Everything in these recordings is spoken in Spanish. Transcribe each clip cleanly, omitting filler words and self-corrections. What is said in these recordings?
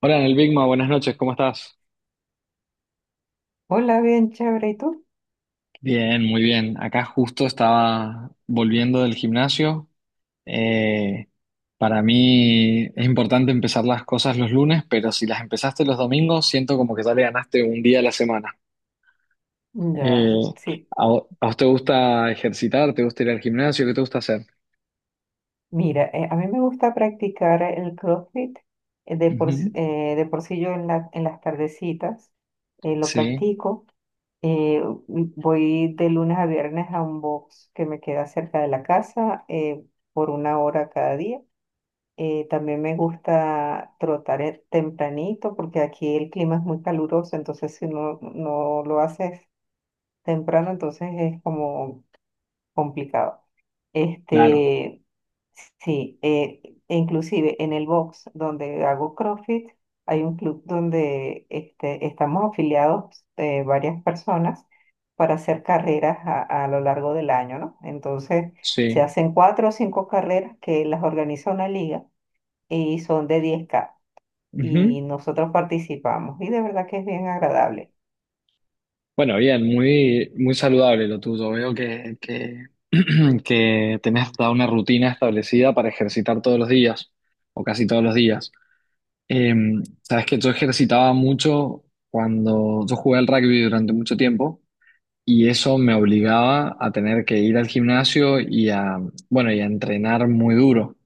Hola, en el Bigma, buenas noches, ¿cómo estás? Hola, bien chévere. ¿Y tú? Bien, muy bien. Acá justo estaba volviendo del gimnasio. Eh, para mí es importante empezar las cosas los lunes, pero si las empezaste los domingos, siento como que ya le ganaste un día a la semana. Ya, Eh, sí. ¿a vos te gusta ejercitar? ¿Te gusta ir al gimnasio? ¿Qué te gusta hacer? Mira, a mí me gusta practicar el CrossFit. De por, s- Ujú. eh, de por sí yo en en las tardecitas lo Sí, practico. Eh, Voy de lunes a viernes a un box que me queda cerca de la casa por una hora cada día. También me gusta trotar tempranito porque aquí el clima es muy caluroso. Entonces, si no, no lo haces temprano, entonces es como complicado. claro, Este, sí, e inclusive en el box donde hago CrossFit, hay un club donde estamos afiliados varias personas para hacer carreras a lo largo del año, ¿no? Entonces, se sí. hacen cuatro o cinco carreras que las organiza una liga y son de 10K, Ujú. y nosotros participamos y de verdad que es bien agradable. Bueno, bien, muy saludable lo tuyo. Veo que tenés toda una rutina establecida para ejercitar todos los días, o casi todos los días. Eh, sabes que yo ejercitaba mucho cuando yo jugué al rugby durante mucho tiempo y eso me obligaba a tener que ir al gimnasio y a, bueno, y a entrenar muy duro.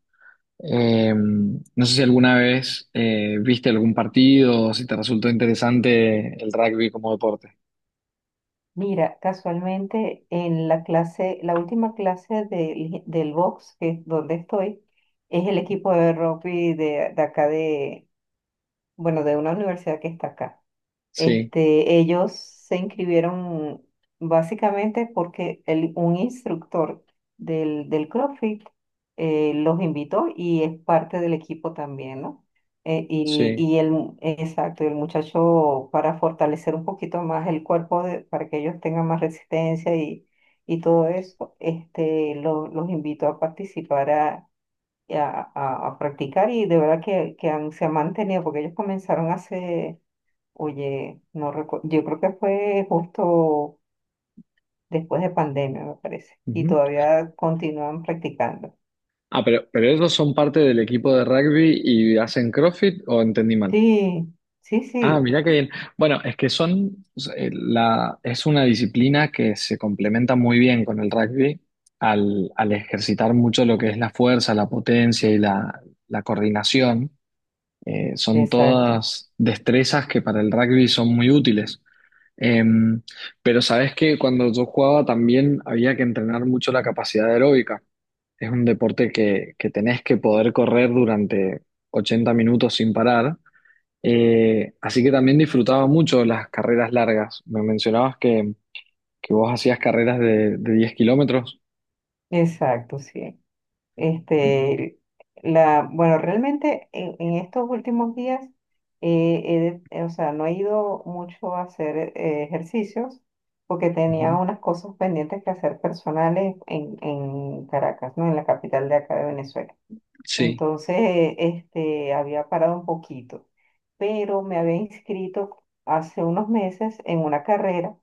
No sé si alguna vez viste algún partido o si te resultó interesante el rugby como deporte. Mira, casualmente en la clase, la última clase del box, que es donde estoy, es el equipo de rugby de acá de, bueno, de una universidad que está acá. Sí, Ellos se inscribieron básicamente porque un instructor del CrossFit los invitó y es parte del equipo también, ¿no? Sí. Exacto, el muchacho para fortalecer un poquito más el cuerpo, para que ellos tengan más resistencia y todo eso, los invitó a participar, a practicar y de verdad que, se han mantenido, porque ellos comenzaron hace... Oye, no recu- yo creo que fue justo después de pandemia, me parece, y Ujú. todavía continúan practicando. Ah, pero ellos son parte del equipo de rugby y hacen CrossFit o entendí mal. Sí, sí, Ah, sí, mirá qué bien. Bueno, es que son, es una disciplina que se complementa muy bien con el rugby al, al ejercitar mucho lo que es la fuerza, la potencia y la coordinación. Son exacto, todas destrezas que para el rugby son muy útiles. Em, pero sabes que cuando yo jugaba también había que entrenar mucho la capacidad aeróbica. Es un deporte que tenés que poder correr durante 80 minutos sin parar. Así que también disfrutaba mucho las carreras largas. Me mencionabas que vos hacías carreras de 10 kilómetros. exacto, sí. Este, bueno, realmente en estos últimos días, o sea, no he ido mucho a hacer ejercicios, porque tenía Ujú. unas cosas pendientes que hacer personales en Caracas, ¿no? En la capital de acá de Venezuela. Sí. Entonces, había parado un poquito, pero me había inscrito hace unos meses en una carrera,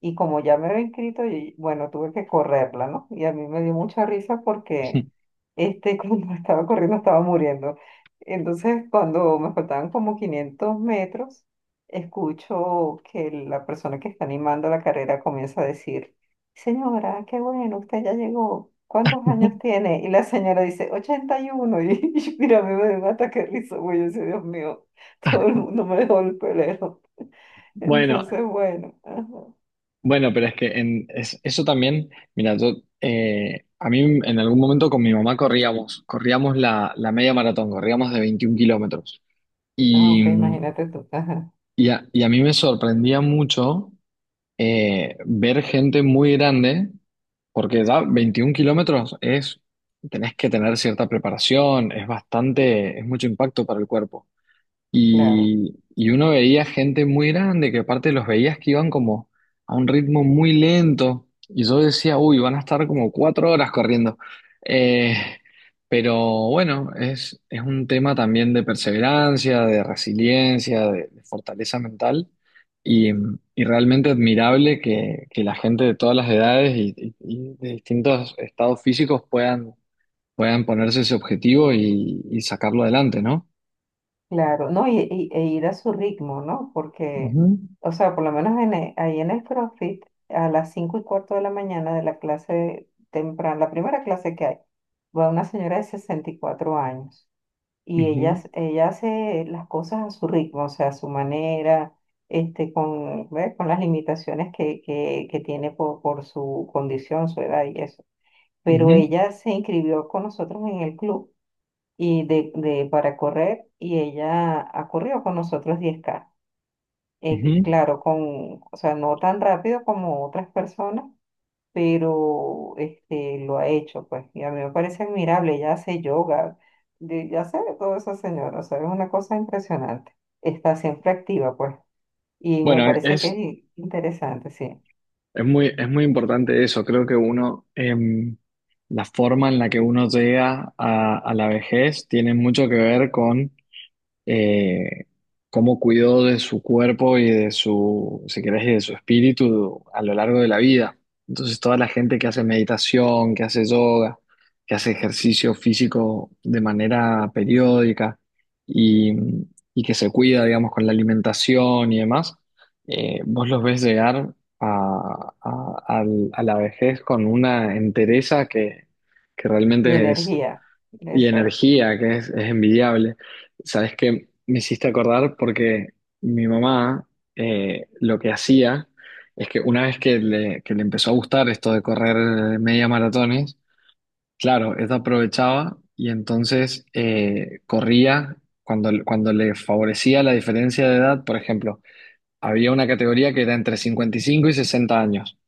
y como ya me había inscrito, y, bueno, tuve que correrla, ¿no? Y a mí me dio mucha risa porque, cuando estaba corriendo estaba muriendo. Entonces, cuando me faltaban como 500 metros, escucho que la persona que está animando la carrera comienza a decir: señora, qué bueno, usted ya llegó. ¿Cuántos años tiene? Y la señora dice, ochenta y uno. Y y mira, a mí me dio un ataque de risa, güey. Yo decía: Dios mío, todo el mundo me dejó el pelero. Bueno, Entonces, bueno. Ajá. bueno, pero es que en, es- eso también, mira, yo, a mí en algún momento con mi mamá corríamos, corríamos la, la media maratón, corríamos de 21 kilómetros. Ah, ok, Y, imagínate tú. Ajá, y a mí me sorprendía mucho ver gente muy grande, porque ya 21 kilómetros es, tenés que tener cierta preparación, es bastante, es mucho impacto para el cuerpo. claro, Y uno veía gente muy grande que aparte los veías que iban como a un ritmo muy lento. Y yo decía, uy, van a estar como 4 horas corriendo. Eh, pero bueno, es un tema también de perseverancia, de resiliencia, de fortaleza mental. Y, y realmente admirable que la gente de todas las edades y de distintos estados físicos puedan, puedan ponerse ese objetivo y sacarlo adelante, ¿no? claro. No, e ir a su ritmo, ¿no? Porque, Ujú, o sea, por lo menos en, ahí en el CrossFit, a las 5:15 de la mañana, de la clase temprana, la primera clase que hay, va una señora de 64 años. Y ella, ujú. ella hace las cosas a su ritmo, o sea, a su manera, con, ¿ve?, con las limitaciones que tiene por su condición, su edad y eso. Pero Ujú, ella se inscribió con nosotros en el club y para correr, y ella ha corrido con nosotros 10K. Ujú. Claro, con, o sea, no tan rápido como otras personas, pero lo ha hecho, pues, y a mí me parece admirable. Ella hace yoga, ya sabe todo esa señora, o sea, es una cosa impresionante, está siempre activa, pues, y me Bueno, parece que es interesante, sí, es muy importante eso. Creo que uno, la forma en la que uno llega a la vejez tiene mucho que ver con eh, cómo cuidó de su cuerpo y de su, si querés, y de su espíritu a lo largo de la vida. Entonces, toda la gente que hace meditación, que hace yoga, que hace ejercicio físico de manera periódica y, y que se cuida, digamos, con la alimentación y demás, vos los ves llegar a la vejez con una entereza que y realmente es energía, y exacto, energía, que es envidiable. Sabes que me hiciste acordar porque mi mamá lo que hacía es que una vez que le empezó a gustar esto de correr media maratones, claro, ella aprovechaba y entonces corría cuando, cuando le favorecía la diferencia de edad. Por ejemplo, había una categoría que era entre 55 y 60 años.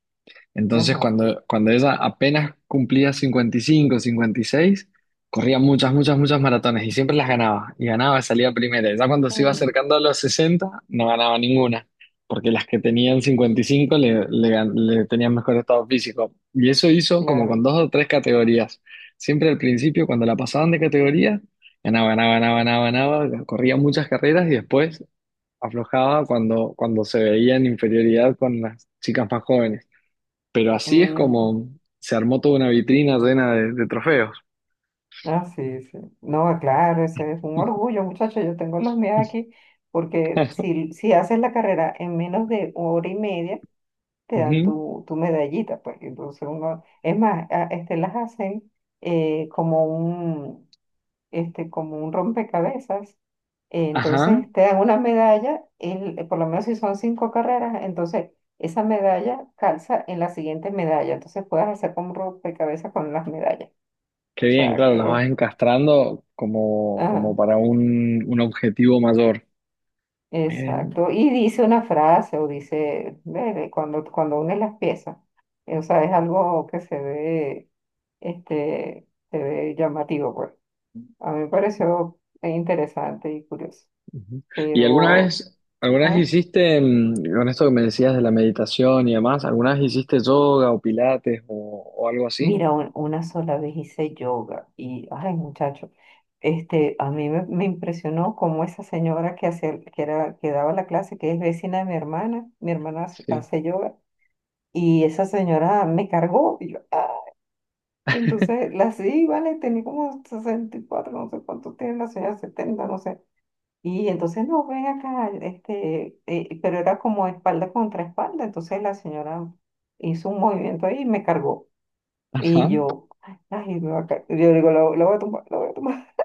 Entonces, ajá, cuando, cuando ella apenas cumplía 55, 56, corría muchas, muchas, muchas maratones y siempre las ganaba. Y ganaba, y salía primera. Ya cuando se iba mm, acercando a los 60, no ganaba ninguna, porque las que tenían 55 le, le, gan- le tenían mejor estado físico. Y eso hizo como con claro, dos o tres categorías. Siempre al principio, cuando la pasaban de categoría, ganaba, ganaba, ganaba, ganaba, ganaba, corría muchas carreras y después aflojaba cuando, cuando se veía en inferioridad con las chicas más jóvenes. Pero así es mm, como se armó toda una vitrina llena de trofeos. ah, sí, sí, no, claro, ese es un orgullo, muchachos, yo tengo los míos aquí, porque si haces la carrera en menos de hora y media, te dan Ujú. tu, tu medallita, pues. Entonces uno, es más, las hacen como un, como un rompecabezas. Ajá. Entonces te dan una medalla, por lo menos si son cinco carreras, entonces esa medalla calza en la siguiente medalla. Entonces puedes hacer como un rompecabezas con las medallas. Qué O bien, sea claro, las que, vas encastrando como, como ajá, para un objetivo mayor. Eh, exacto. Y dice una frase, o dice: ve, ve, cuando, unes las piezas. O sea, es algo que se ve, se ve llamativo, pues. A mí me pareció interesante y curioso. ujú. ¿Y Pero, alguna vez ah, hiciste, mm, con esto que me decías de la meditación y demás, alguna vez hiciste yoga o pilates o algo así? mira, una sola vez hice yoga y, ay, muchacho, a mí me impresionó cómo esa señora hacía, que daba la clase, que es vecina de mi hermana. Mi hermana hace, Sí. hace yoga, y esa señora me cargó. Y yo, ah, entonces, vale, tenía como 64, no sé cuánto tiene la señora, 70, no sé. Y entonces no, ven acá, pero era como espalda contra espalda, entonces la señora hizo un movimiento ahí y me cargó. Y Ajá. yo: ay, me va a ca- yo digo, lo voy a tomar, lo voy a tomar.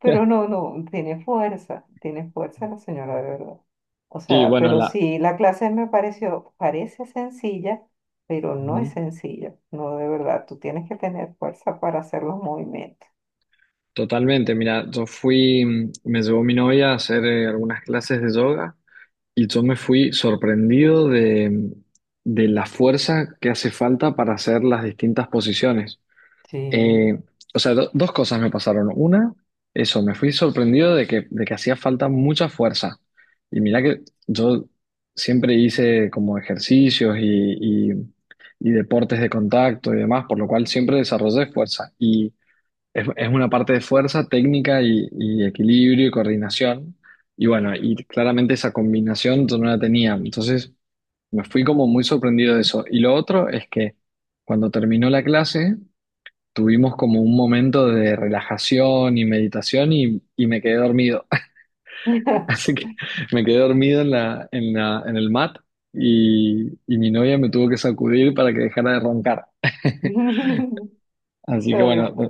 Pero no, no, tiene fuerza la señora, de verdad. O Sí, sea, bueno, pero la... sí, la clase me pareció, parece sencilla, pero no es ujú. sencilla, no, de verdad, tú tienes que tener fuerza para hacer los movimientos. Totalmente, mira, yo fui, mm, me llevó mi novia a hacer algunas clases de yoga y yo me fui sorprendido de la fuerza que hace falta para hacer las distintas posiciones. Sí. Eh, o sea, dos cosas me pasaron. Una, eso, me fui sorprendido de que hacía falta mucha fuerza. Y mira que yo siempre hice como ejercicios y deportes de contacto y demás, por lo cual siempre desarrollé fuerza. Y es una parte de fuerza, técnica y equilibrio y coordinación. Y bueno, y claramente esa combinación yo no la tenía. Entonces me fui como muy sorprendido de eso. Y lo otro es que cuando terminó la clase tuvimos como un momento de relajación y meditación y me quedé dormido. Está Así que me quedé dormido en la, en la, en el mat y mi novia me tuvo que sacudir para que dejara de roncar. Así que bueno, bien.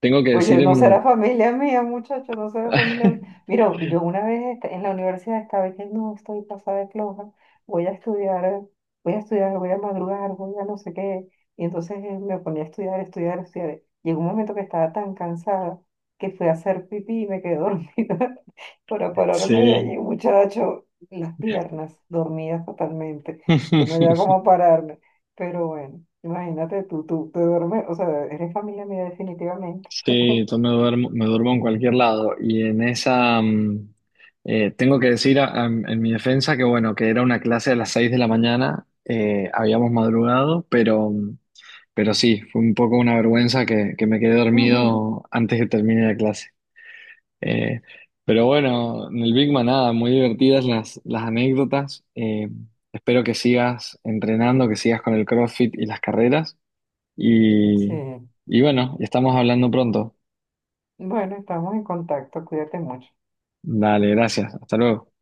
tengo que decir Oye, en no mi... será familia mía, muchacho, no será familia mía. Mira, yo una vez en la universidad estaba diciendo, no, estoy pasada de floja, voy a estudiar, voy a estudiar, voy a madrugar, voy a no sé qué. Y entonces me ponía a estudiar, estudiar, estudiar. Llegó un momento que estaba tan cansada que fui a hacer pipí y me quedé dormida para pararme de Sí, allí, muchacho, las piernas dormidas totalmente. Yo no había cómo pararme, pero bueno, imagínate tú, tú te duermes, o sea, eres familia mía definitivamente. Sí, yo me duermo en cualquier lado y en esa mm, tengo que decir en mi defensa que bueno, que era una clase a las 6 de la mañana, habíamos madrugado, pero, mm, pero sí, fue un poco una vergüenza que me quedé dormido antes que termine la clase. Eh, pero bueno, en el Big Man nada, muy divertidas las anécdotas. Espero que sigas entrenando, que sigas con el CrossFit y las carreras Sí, y, y bueno, estamos hablando pronto. bueno, estamos en contacto, cuídate mucho. Dale, gracias. Hasta luego.